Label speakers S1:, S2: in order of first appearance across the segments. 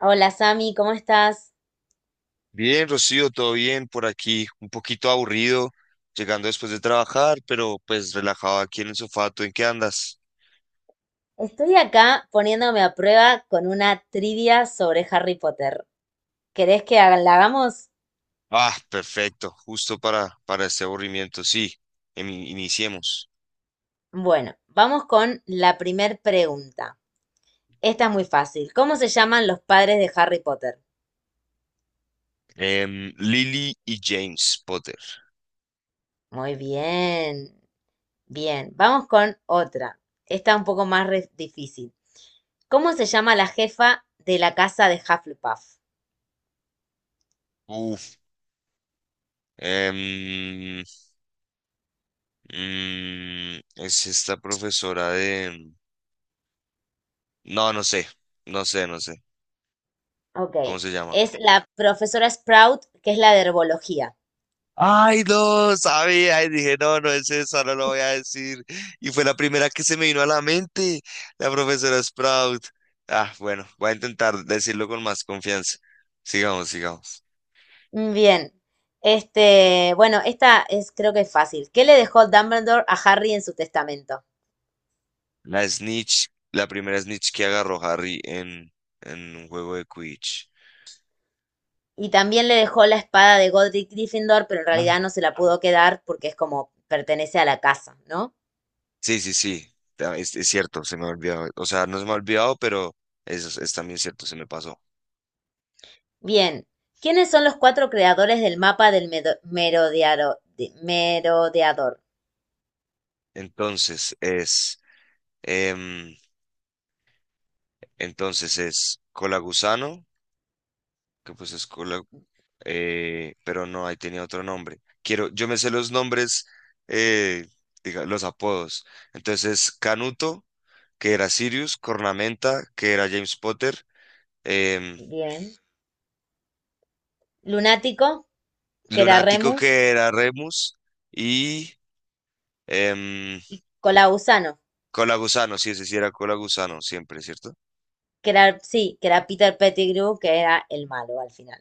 S1: Hola Sami, ¿cómo estás?
S2: Bien, Rocío, todo bien por aquí, un poquito aburrido, llegando después de trabajar, pero pues relajado aquí en el sofá. ¿Tú en qué andas?
S1: Estoy acá poniéndome a prueba con una trivia sobre Harry Potter. ¿Querés que la hagamos?
S2: Ah, perfecto, justo para este aburrimiento, sí. Iniciemos.
S1: Bueno, vamos con la primer pregunta. Esta es muy fácil. ¿Cómo se llaman los padres de Harry Potter?
S2: Lily y James Potter.
S1: Muy bien, bien. Vamos con otra. Esta un poco más difícil. ¿Cómo se llama la jefa de la casa de Hufflepuff?
S2: Uf, em, es esta profesora de... No, no sé, no sé, no sé.
S1: Ok,
S2: ¿Cómo se llama?
S1: es la profesora Sprout, que es la de herbología.
S2: Ay, no, sabía, y dije, no, no es eso. No lo voy a decir. Y fue la primera que se me vino a la mente, la profesora Sprout. Ah, bueno, voy a intentar decirlo con más confianza. Sigamos, sigamos.
S1: Mm. Bien. Este, bueno, esta es creo que es fácil. ¿Qué le dejó Dumbledore a Harry en su testamento?
S2: La snitch, la primera snitch que agarró Harry en un juego de Quidditch.
S1: Y también le dejó la espada de Godric Gryffindor, pero en
S2: Ah.
S1: realidad no se la pudo quedar porque es como pertenece a la casa, ¿no?
S2: Sí, sí, sí, es cierto, se me ha olvidado. O sea, no se me ha olvidado, pero es también cierto, se me pasó.
S1: Bien. ¿Quiénes son los cuatro creadores del mapa del merodeador?
S2: Entonces es, em, entonces es Colagusano que pues es cola, pero no, ahí tenía otro nombre. Quiero, yo me sé los nombres, eh, diga, los apodos. Entonces, Canuto, que era Sirius, Cornamenta, que era James Potter, em,
S1: Bien. Lunático, que era
S2: Lunático,
S1: Remus.
S2: que era Remus, y em,
S1: Colausano,
S2: Cola Gusano, sí, ese sí era Cola Gusano, siempre, ¿cierto?
S1: que era, sí, que era Peter Pettigrew, que era el malo al final.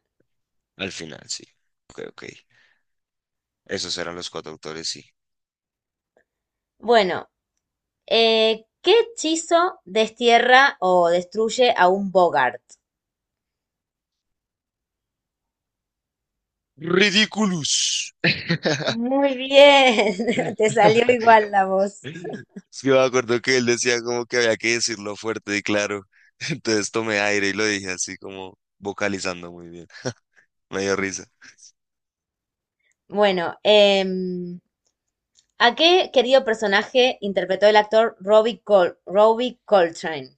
S2: Al final, sí. Ok, ok. Esos eran los cuatro autores, sí.
S1: Bueno, ¿qué hechizo destierra o destruye a un Bogart?
S2: Ridiculous.
S1: Muy bien, te salió igual la voz.
S2: Sí, me acuerdo que él decía como que había que decirlo fuerte y claro. Entonces tomé aire y lo dije así como vocalizando muy bien. Me dio risa.
S1: Bueno, ¿a qué querido personaje interpretó el actor Robbie Coltrane?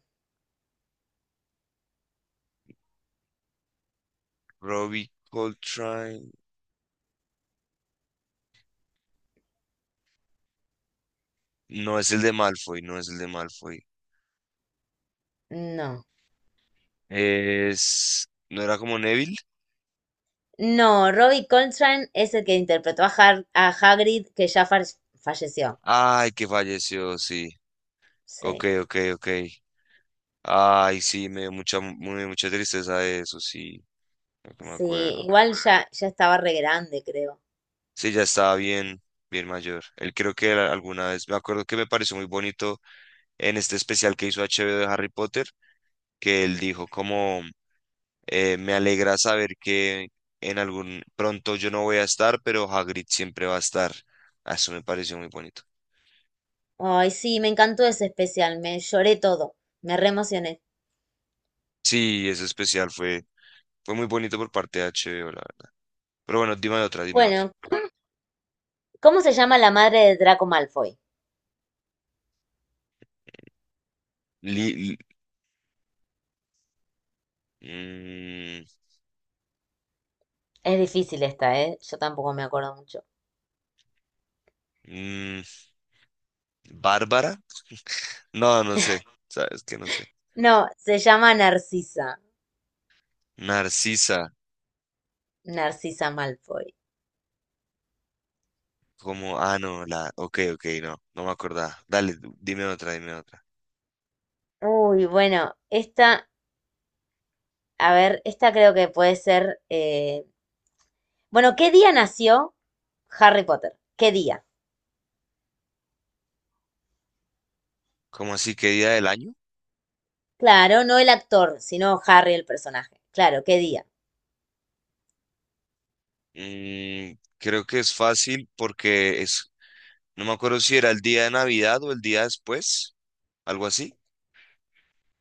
S2: Robbie Coltrane. No es el de Malfoy, no es el de Malfoy.
S1: No,
S2: Es... ¿No era como Neville?
S1: no, Robbie Coltrane es el que interpretó a a Hagrid, que falleció.
S2: Ay, que falleció, sí. Ok,
S1: Sí,
S2: ok, ok. Ay, sí, me dio mucha, muy, mucha tristeza eso, sí. Creo que me
S1: sí,
S2: acuerdo.
S1: igual ya estaba re grande, creo.
S2: Sí, ya estaba bien, bien mayor. Él creo que era alguna vez, me acuerdo que me pareció muy bonito en este especial que hizo H. HBO de Harry Potter, que él dijo como, me alegra saber que en algún pronto yo no voy a estar, pero Hagrid siempre va a estar. Ah, eso me pareció muy bonito.
S1: Ay, sí, me encantó ese especial, me lloré todo, me re emocioné.
S2: Sí, ese especial fue muy bonito por parte de H. HBO, la verdad. Pero bueno, dime otra, dime otra.
S1: Bueno, ¿cómo se llama la madre de Draco Malfoy?
S2: Li- li- mm,
S1: Es difícil esta, ¿eh? Yo tampoco me acuerdo mucho.
S2: mm, ¿Bárbara? No, no sé. Sabes que no sé.
S1: No, se llama Narcisa.
S2: Narcisa.
S1: Narcisa Malfoy.
S2: Como, ah, no, la. Ok, ok, no, no me acordaba. Dale, dime otra, dime otra.
S1: Uy, bueno, esta, a ver, esta creo que puede ser, bueno, ¿qué día nació Harry Potter? ¿Qué día?
S2: ¿Cómo así? ¿Qué día del año?
S1: Claro, no el actor, sino Harry el personaje. Claro, ¿qué día?
S2: Mm, Creo que es fácil porque es, no me acuerdo si era el día de Navidad o el día después, algo así.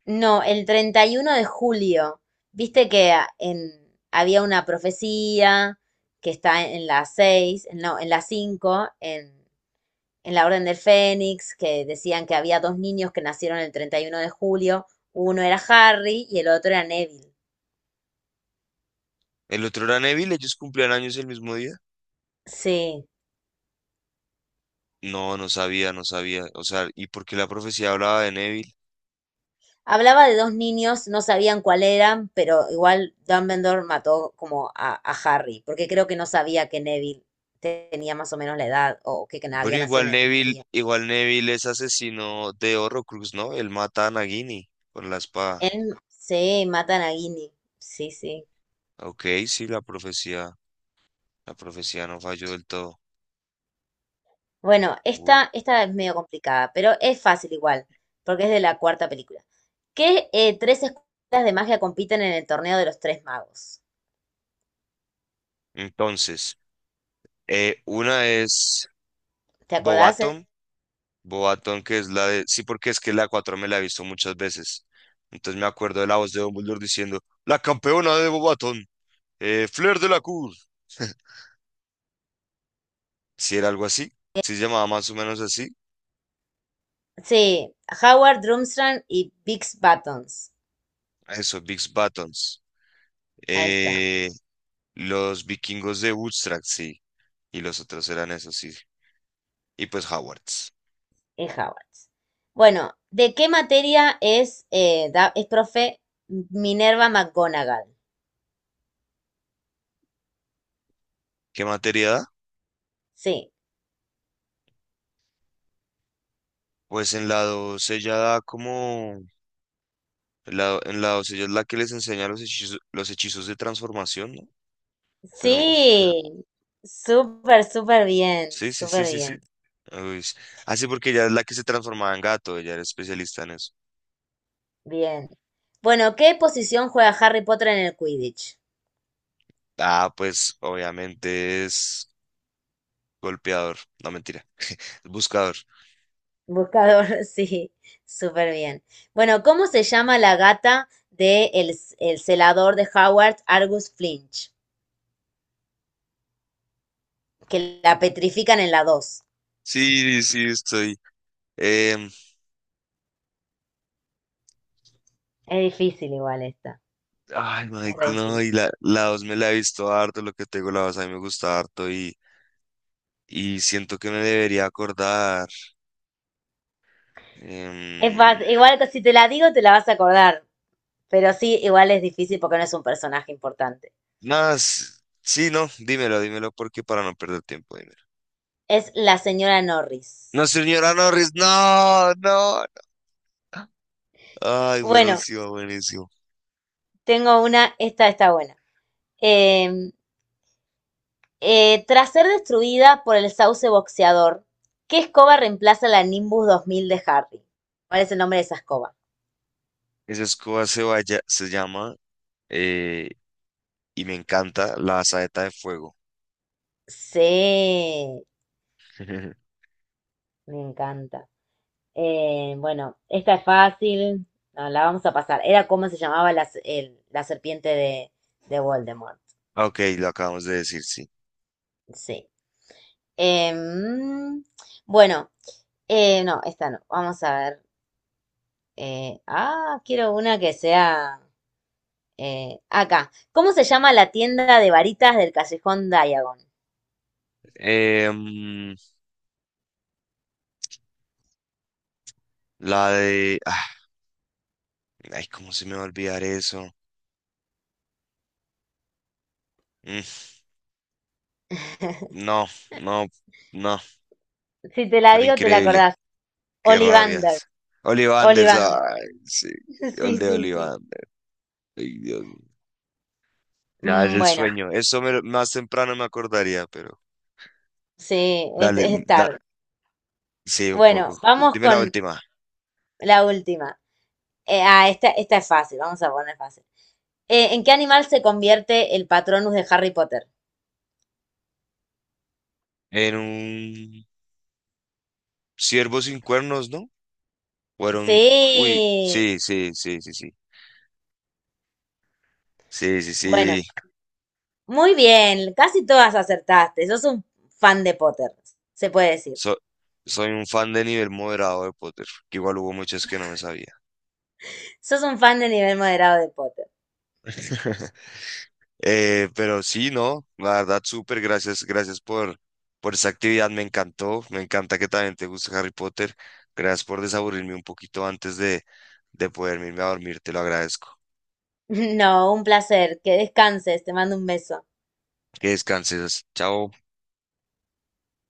S1: No, el 31 de julio. Viste que había una profecía que está en la 6, no, en la 5, en la Orden del Fénix, que decían que había dos niños que nacieron el 31 de julio. Uno era Harry y el otro era Neville.
S2: El otro era Neville, ellos cumplían años el mismo día.
S1: Sí.
S2: No, no sabía, no sabía. O sea, ¿y por qué la profecía hablaba de Neville?
S1: Hablaba de dos niños, no sabían cuál eran, pero igual Dumbledore mató como a Harry, porque creo que no sabía que Neville tenía más o menos la edad o que
S2: Bueno,
S1: había nacido
S2: igual
S1: en el mismo
S2: Neville,
S1: día.
S2: igual Neville es asesino de Horrocrux, ¿no? Él mata a Nagini con la espada.
S1: Él, sí, matan a Ginny. Sí, sí.
S2: Ok, sí, la profecía no falló del todo.
S1: Bueno,
S2: Uh,
S1: esta es medio complicada, pero es fácil igual, porque es de la cuarta película. ¿Qué tres escuelas de magia compiten en el torneo de los tres magos?
S2: Entonces, una es
S1: ¿Te acordás?
S2: Bobaton Boatón, que es la de... Sí, porque es que la 4 me la he visto muchas veces. Entonces me acuerdo de la voz de Dumbledore diciendo, la campeona de Bobatón, Flair de la Cour. Si era algo así, si se llamaba más o menos así.
S1: Sí, Howard, Drumstrang y Bix Buttons.
S2: Eso, Bigs Buttons.
S1: Ahí está,
S2: Eh, los vikingos de Woodstock, sí. Y los otros eran esos, sí. Y pues Howards.
S1: es Howard. Bueno, ¿de qué materia es profe Minerva McGonagall?
S2: ¿Qué materia da?
S1: Sí,
S2: Pues en la 2 ella da como... en la 2 ella es la que les enseña los hechizos, de transformación, ¿no? Pero, uf,
S1: sí, súper, súper bien,
S2: sí, sí, sí,
S1: súper
S2: sí,
S1: bien.
S2: sí. Uy, así porque ella es la que se transformaba en gato, ella era especialista en eso.
S1: Bien. Bueno, ¿qué posición juega Harry Potter en el Quidditch?
S2: Ah, pues obviamente es golpeador, no mentira, es buscador.
S1: Buscador, sí, súper bien. Bueno, ¿cómo se llama la gata de el celador de Howard, Argus Flinch? Que la petrifican en la dos.
S2: Sí, sí, estoy. em,
S1: Es difícil igual esta.
S2: Ay,
S1: Es re
S2: Mike, no,
S1: difícil.
S2: y la dos me la he visto harto, lo que tengo la dos a mí me gusta harto y siento que me debería acordar.
S1: Es
S2: em,
S1: fácil. Igual que si te la digo, te la vas a acordar. Pero sí, igual es difícil porque no es un personaje importante.
S2: Nada, sí, no, dímelo, dímelo porque para no perder tiempo, dímelo.
S1: Es la señora
S2: No,
S1: Norris.
S2: señora Norris, no, no, no. Ay,
S1: Bueno,
S2: buenísimo, buenísimo.
S1: tengo una, esta está buena. Eh, tras ser destruida por el sauce boxeador, ¿qué escoba reemplaza la Nimbus 2000 de Harry? ¿Cuál es el nombre de esa escoba?
S2: Esa escoba vaya, se llama, eh, y me encanta, la saeta de fuego.
S1: Sí, me encanta. Bueno, esta es fácil, no, la vamos a pasar. Era como se llamaba la serpiente de Voldemort.
S2: Ah, ok, lo acabamos de decir, sí.
S1: Sí. Em, bueno, no, esta no. Vamos a ver. Quiero una que sea. Acá. ¿Cómo se llama la tienda de varitas del callejón Diagon?
S2: Em, la de... ah, ay, ¿cómo se me va a olvidar eso? Mm, no, no, no,
S1: Si te la
S2: pero
S1: digo, te la
S2: increíble.
S1: acordás.
S2: Qué
S1: Olivander.
S2: rabias. Olivanders,
S1: Olivander.
S2: ay, sí. El
S1: Sí,
S2: de
S1: sí, sí.
S2: Ollivander, ay, Dios mío. Ya es
S1: Mm.
S2: el
S1: Bueno,
S2: sueño. Eso más temprano me acordaría, pero...
S1: sí, es,
S2: Dale,
S1: es tarde.
S2: sí, un
S1: Bueno,
S2: poco.
S1: vamos
S2: Dime la
S1: con
S2: última.
S1: la última. Esta es fácil, vamos a poner fácil. ¿En qué animal se convierte el Patronus de Harry Potter?
S2: En un Siervos sin cuernos, ¿no? Fueron, uy,
S1: Sí.
S2: sí, sí, sí, sí, sí, sí, sí, sí.
S1: Bueno, muy bien. Casi todas acertaste. Sos un fan de Potter, se puede decir.
S2: So- Soy un fan de nivel moderado de Potter, que igual hubo muchas que no me sabía.
S1: Sos un fan de nivel moderado de Potter.
S2: Pero sí, no, la verdad, súper, gracias por esa actividad, me encantó, me encanta que también te guste Harry Potter. Gracias por desaburrirme un poquito antes de poderme irme a dormir, te lo agradezco.
S1: No, un placer. Que descanses. Te mando un beso.
S2: Que descanses, chao.